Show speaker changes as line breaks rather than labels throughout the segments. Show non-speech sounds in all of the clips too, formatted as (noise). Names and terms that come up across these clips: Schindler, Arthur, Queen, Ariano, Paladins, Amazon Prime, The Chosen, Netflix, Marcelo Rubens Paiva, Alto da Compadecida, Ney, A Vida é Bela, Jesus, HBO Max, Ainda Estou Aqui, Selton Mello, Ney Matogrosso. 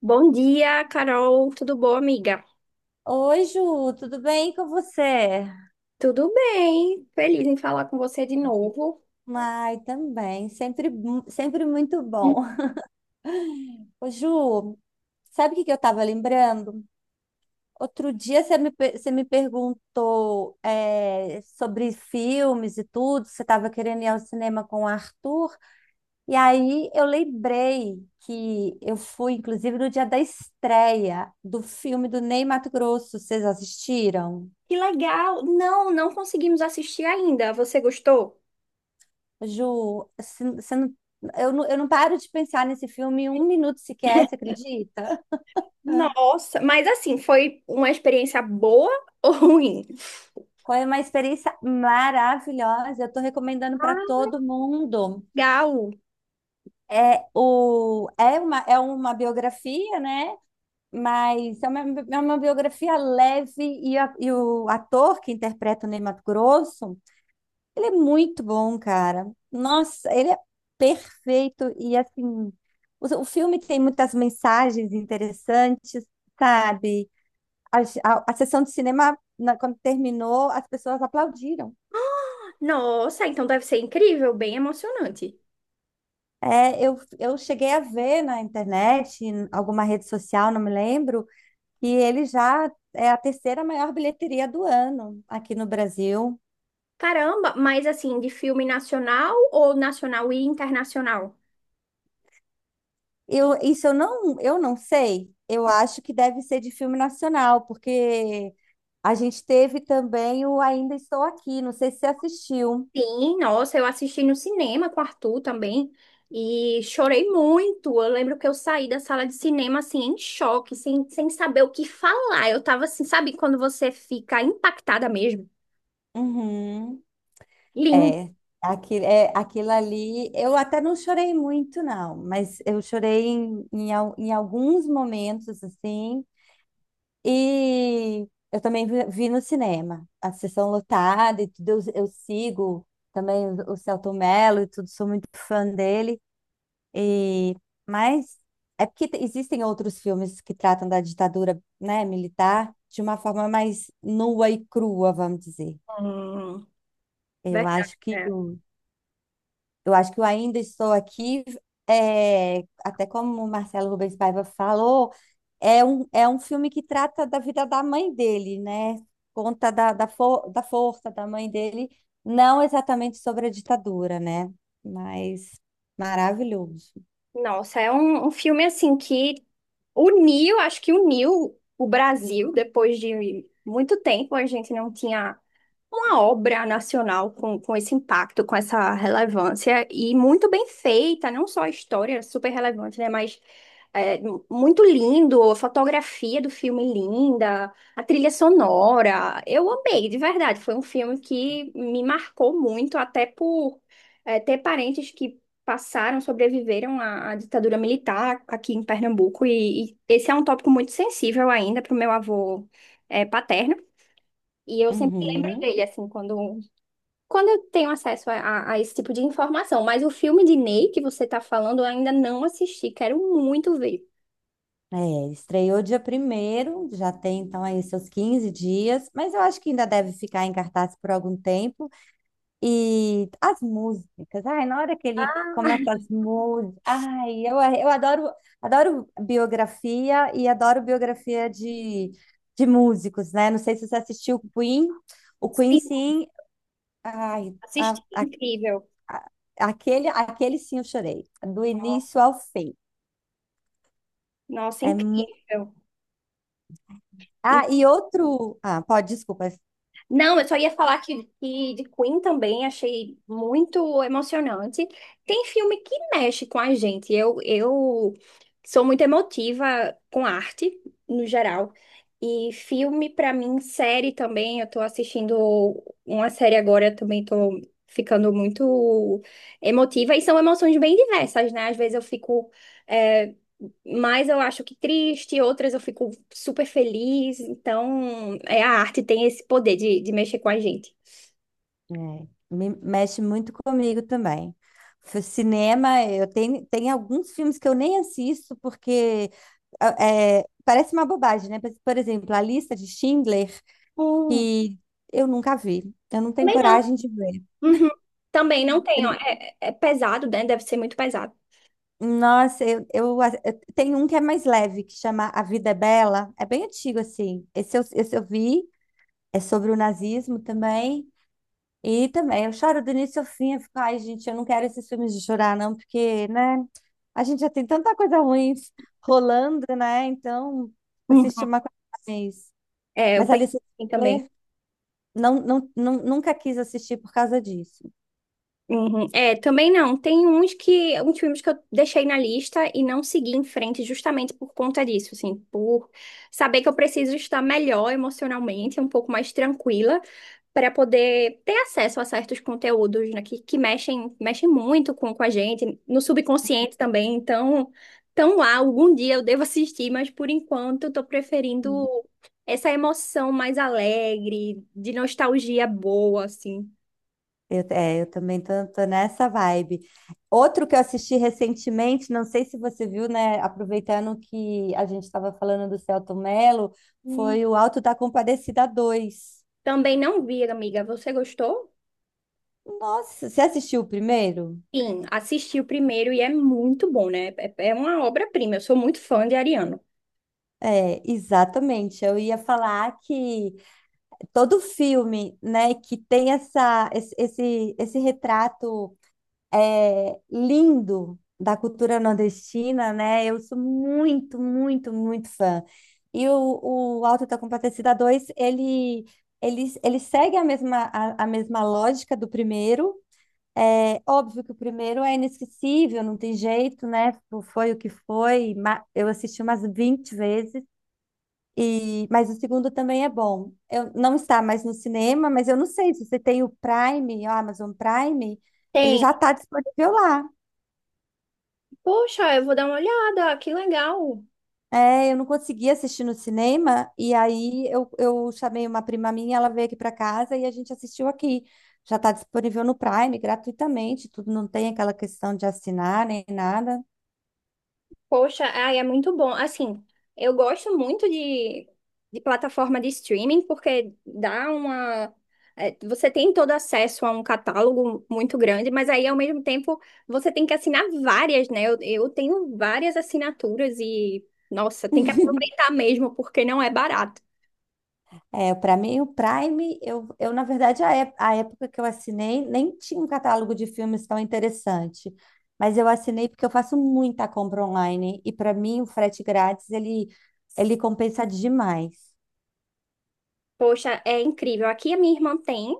Bom dia, Carol. Tudo bom, amiga?
Oi, Ju, tudo bem com você?
Tudo bem. Feliz em falar com você de novo.
Ai, também, sempre, sempre muito bom.
Hum.
Ô, Ju, sabe o que que eu estava lembrando? Outro dia você me perguntou sobre filmes e tudo, você estava querendo ir ao cinema com o Arthur, e aí eu lembrei que eu fui, inclusive, no dia da estreia do filme do Ney Matogrosso, vocês assistiram?
Que legal. Não, não conseguimos assistir ainda. Você gostou?
Ju, se- você não- eu, não, eu não paro de pensar nesse filme um minuto sequer, você acredita?
Nossa, mas assim, foi uma experiência boa (laughs) ou ruim?
Foi uma experiência maravilhosa. Eu estou recomendando para todo mundo.
Legal.
É uma biografia, né? Mas é uma biografia leve e o ator que interpreta o Ney Matogrosso. Ele é muito bom, cara. Nossa, ele é perfeito e assim, o filme tem muitas mensagens interessantes, sabe? A, a sessão de cinema, quando terminou, as pessoas aplaudiram.
Nossa, então deve ser incrível, bem emocionante.
Eu cheguei a ver na internet, em alguma rede social, não me lembro, que ele já é a terceira maior bilheteria do ano aqui no Brasil.
Caramba, mas assim, de filme nacional ou nacional e internacional?
Eu, isso eu não sei. Eu acho que deve ser de filme nacional, porque a gente teve também o Ainda Estou Aqui. Não sei se você assistiu.
Sim, nossa, eu assisti no cinema com o Arthur também e chorei muito. Eu lembro que eu saí da sala de cinema assim em choque, sem saber o que falar. Eu tava assim, sabe quando você fica impactada mesmo?
Uhum.
Lindo.
É, é, aquilo ali. Eu até não chorei muito, não, mas eu chorei em alguns momentos, assim. E eu também vi no cinema, a sessão lotada e tudo. Eu sigo também o Selton Mello e tudo, sou muito fã dele. E, mas é porque existem outros filmes que tratam da ditadura, né, militar de uma forma mais nua e crua, vamos dizer.
Hum,
Eu
verdade.
acho que
É.
o- eu acho que o Ainda Estou Aqui é, até como o Marcelo Rubens Paiva falou, é um filme que trata da vida da mãe dele, né? Conta da força da mãe dele, não exatamente sobre a ditadura, né? Mas maravilhoso.
Nossa, é um, um filme assim que uniu, acho que uniu o Brasil depois de muito tempo. A gente não tinha uma obra nacional com esse impacto, com essa relevância e muito bem feita, não só a história super relevante, né, mas é, muito lindo, a fotografia do filme linda, a trilha sonora. Eu amei, de verdade. Foi um filme que me marcou muito, até por ter parentes que passaram, sobreviveram à, à ditadura militar aqui em Pernambuco e esse é um tópico muito sensível ainda para o meu avô paterno. E eu sempre lembro
Uhum.
dele, assim, quando, quando eu tenho acesso a, a esse tipo de informação. Mas o filme de Ney que você tá falando, eu ainda não assisti. Quero muito ver.
É, estreou dia primeiro, já tem então aí seus 15 dias, mas eu acho que ainda deve ficar em cartaz por algum tempo. E as músicas, ai, na hora que ele começa as músicas, eu adoro, adoro biografia e adoro biografia de músicos, né? Não sei se você assistiu Queen, o Queen
Sim,
sim, ai, a-
assisti.
a-
Incrível.
aquele, aquele sim eu chorei, do início ao fim.
Nossa,
É mu...
incrível.
Ah, e outro, ah, pode, desculpa.
Não, eu só ia falar que de Queen também achei muito emocionante. Tem filme que mexe com a gente. Eu sou muito emotiva com arte, no geral. E filme, pra mim, série também. Eu tô assistindo uma série agora, eu também tô ficando muito emotiva. E são emoções bem diversas, né? Às vezes eu fico. eh, mas eu acho que triste, outras eu fico super feliz. Então, é, a arte tem esse poder de mexer com a gente.
É, me mexe muito comigo também. Cinema, eu tenho, tem alguns filmes que eu nem assisto porque ah, é, parece uma bobagem, né? Mas, por exemplo, A Lista de Schindler,
Hum,
que eu nunca vi, eu não tenho
também não.
coragem de ver.
Uhum. Também não tem, ó,
Eu-
é, é pesado, né? Deve ser muito pesado.
Nossa, eu, a- eu- Tem um que é mais leve, que chama A Vida é Bela, é bem antigo assim. Esse eu vi, é sobre o nazismo também. E também, eu choro do início ao fim, eu fico, ai, gente, eu não quero esses filmes de chorar, não, porque, né, a gente já tem tanta coisa ruim rolando, né, então,
Uhum.
assistir uma coisa mais.
É, eu
Mas
penso
Alice
assim também.
Hitler não, nunca quis assistir por causa disso.
Uhum. É, também não. Tem uns que, uns filmes que eu deixei na lista e não segui em frente justamente por conta disso, assim, por saber que eu preciso estar melhor emocionalmente, um pouco mais tranquila. Para poder ter acesso a certos conteúdos, né, que mexem, mexem muito com a gente, no subconsciente também. Então, tão lá, algum dia eu devo assistir, mas por enquanto eu estou preferindo
Uhum.
essa emoção mais alegre, de nostalgia boa, assim.
Eu também tô nessa vibe. Outro que eu assisti recentemente, não sei se você viu, né, aproveitando que a gente estava falando do Selton Mello,
Hum.
foi o Alto da Compadecida Dois.
Também não vi, amiga. Você gostou?
Nossa, você assistiu o primeiro?
Sim, assisti o primeiro e é muito bom, né? É uma obra-prima. Eu sou muito fã de Ariano.
É, exatamente. Eu ia falar que todo filme, né, que tem esse retrato lindo da cultura nordestina, né? Eu sou muito, muito, muito fã. E o Auto da Compadecida Dois ele segue a mesma lógica do primeiro. É óbvio que o primeiro é inesquecível, não tem jeito, né? Foi o que foi. Eu assisti umas 20 vezes. E, mas o segundo também é bom. Eu, não está mais no cinema, mas eu não sei se você tem o Prime, o Amazon Prime, ele
Tem.
já está disponível lá.
Poxa, eu vou dar uma olhada. Que legal.
É, eu não conseguia assistir no cinema, eu chamei uma prima minha, ela veio aqui para casa e a gente assistiu aqui. Já está disponível no Prime, gratuitamente, tudo, não tem aquela questão de assinar nem nada.
Poxa, ai, é muito bom. Assim, eu gosto muito de plataforma de streaming porque dá uma. Você tem todo acesso a um catálogo muito grande, mas aí ao mesmo tempo você tem que assinar várias, né? Eu tenho várias assinaturas e, nossa, tem que aproveitar mesmo porque não é barato.
É, para mim, o Prime, eu na verdade, a época que eu assinei, nem tinha um catálogo de filmes tão interessante. Mas eu assinei porque eu faço muita compra online. E para mim, o frete grátis, ele compensa demais.
Poxa, é incrível. Aqui a minha irmã tem,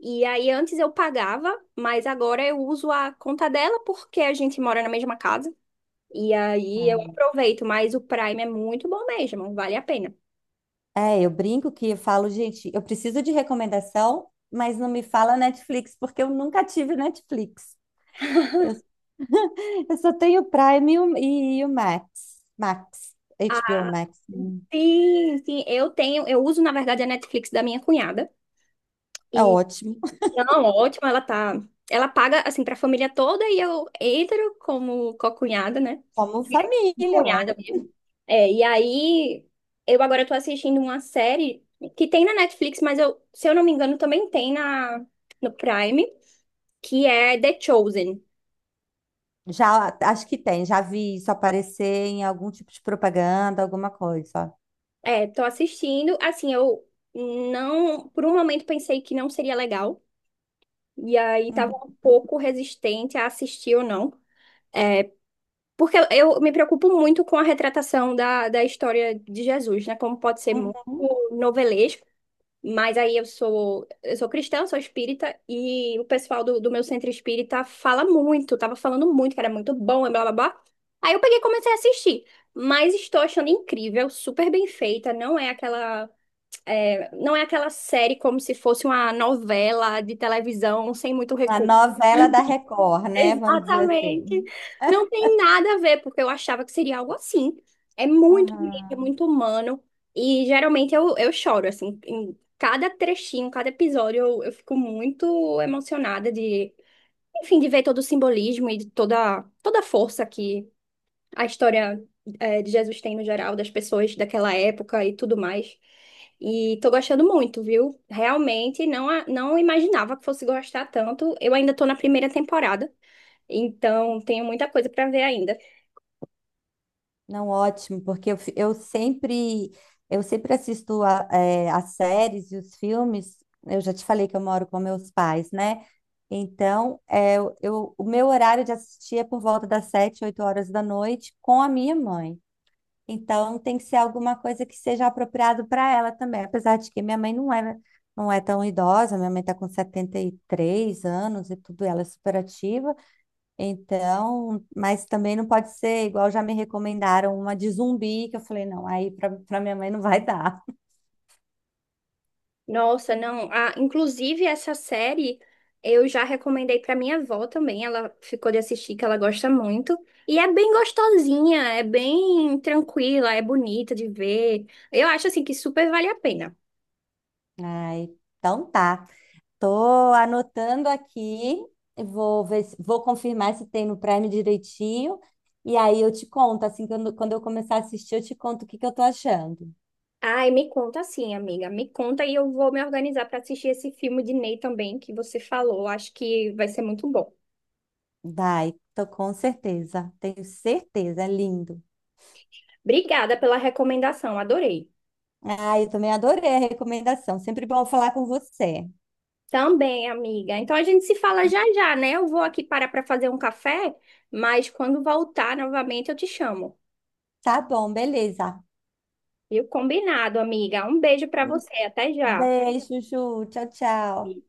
e aí antes eu pagava, mas agora eu uso a conta dela porque a gente mora na mesma casa. E aí eu aproveito, mas o Prime é muito bom mesmo, vale a pena.
É, eu brinco que eu falo, gente, eu preciso de recomendação, mas não me fala Netflix, porque eu nunca tive Netflix. Eu, eu só tenho o Prime e o Max. Max,
Ah,
HBO Max.
sim, sim, eu tenho, eu uso na verdade a Netflix da minha cunhada.
É
E
ótimo. (laughs)
não, ótimo, ela tá, ela paga assim pra família toda e eu entro como co-cunhada, né?
Como família,
Cunhada
uai.
mesmo. É, e aí eu agora tô assistindo uma série que tem na Netflix, mas eu, se eu não me engano, também tem na no Prime, que é The Chosen.
Já, acho que tem, já vi isso aparecer em algum tipo de propaganda, alguma coisa.
É, tô assistindo. Assim, eu não, por um momento pensei que não seria legal. E aí tava
Uhum.
um pouco resistente a assistir ou não. Porque eu me preocupo muito com a retratação da, da história de Jesus, né? Como pode ser muito
Uhum.
novelesco. Mas aí eu sou cristã, sou espírita, e o pessoal do, do meu centro espírita fala muito, tava falando muito que era muito bom e blá blá blá. Aí eu peguei e comecei a assistir. Mas estou achando incrível, super bem feita, não é aquela não é aquela série como se fosse uma novela de televisão sem muito
A
recurso.
novela da Record,
(laughs)
né? Vamos dizer
Exatamente.
assim.
Não tem nada a ver, porque eu achava que seria algo assim. É muito bonito, é
Aham.
muito humano. E geralmente eu choro, assim, em cada trechinho, cada episódio, eu fico muito emocionada de, enfim, de ver todo o simbolismo e de toda, toda a força que a história de Jesus tem no geral, das pessoas daquela época e tudo mais. E tô gostando muito, viu? Realmente não, não imaginava que fosse gostar tanto. Eu ainda tô na primeira temporada, então tenho muita coisa pra ver ainda.
Não, ótimo, porque eu sempre, eu sempre assisto a, é, as séries e os filmes. Eu já te falei que eu moro com meus pais, né? Então, é, o meu horário de assistir é por volta das sete, oito horas da noite com a minha mãe. Então tem que ser alguma coisa que seja apropriado para ela também, apesar de que minha mãe não é, não é tão idosa, minha mãe está com 73 anos e tudo, ela é super ativa, então, mas também não pode ser igual já me recomendaram uma de zumbi, que eu falei, não, aí para minha mãe não vai dar.
Nossa, não. Ah, inclusive, essa série eu já recomendei pra minha avó também. Ela ficou de assistir, que ela gosta muito. E é bem gostosinha, é bem tranquila, é bonita de ver. Eu acho assim que super vale a pena.
Ai, então tá. Tô anotando aqui, vou ver, vou confirmar se tem no Prime direitinho. E aí eu te conto, assim, quando eu começar a assistir, eu te conto o que que eu tô achando.
Ai, me conta sim, amiga. Me conta e eu vou me organizar para assistir esse filme de Ney também que você falou. Acho que vai ser muito bom.
Vai, tô com certeza. Tenho certeza, é lindo.
Obrigada pela recomendação, adorei.
Ah, eu também adorei a recomendação. Sempre bom falar com você.
Também, amiga. Então a gente se fala já já, né? Eu vou aqui parar para fazer um café, mas quando voltar novamente eu te chamo.
Tá bom, beleza.
Viu? Combinado, amiga. Um beijo para
Um
você. Até já.
beijo, Ju. Tchau, tchau.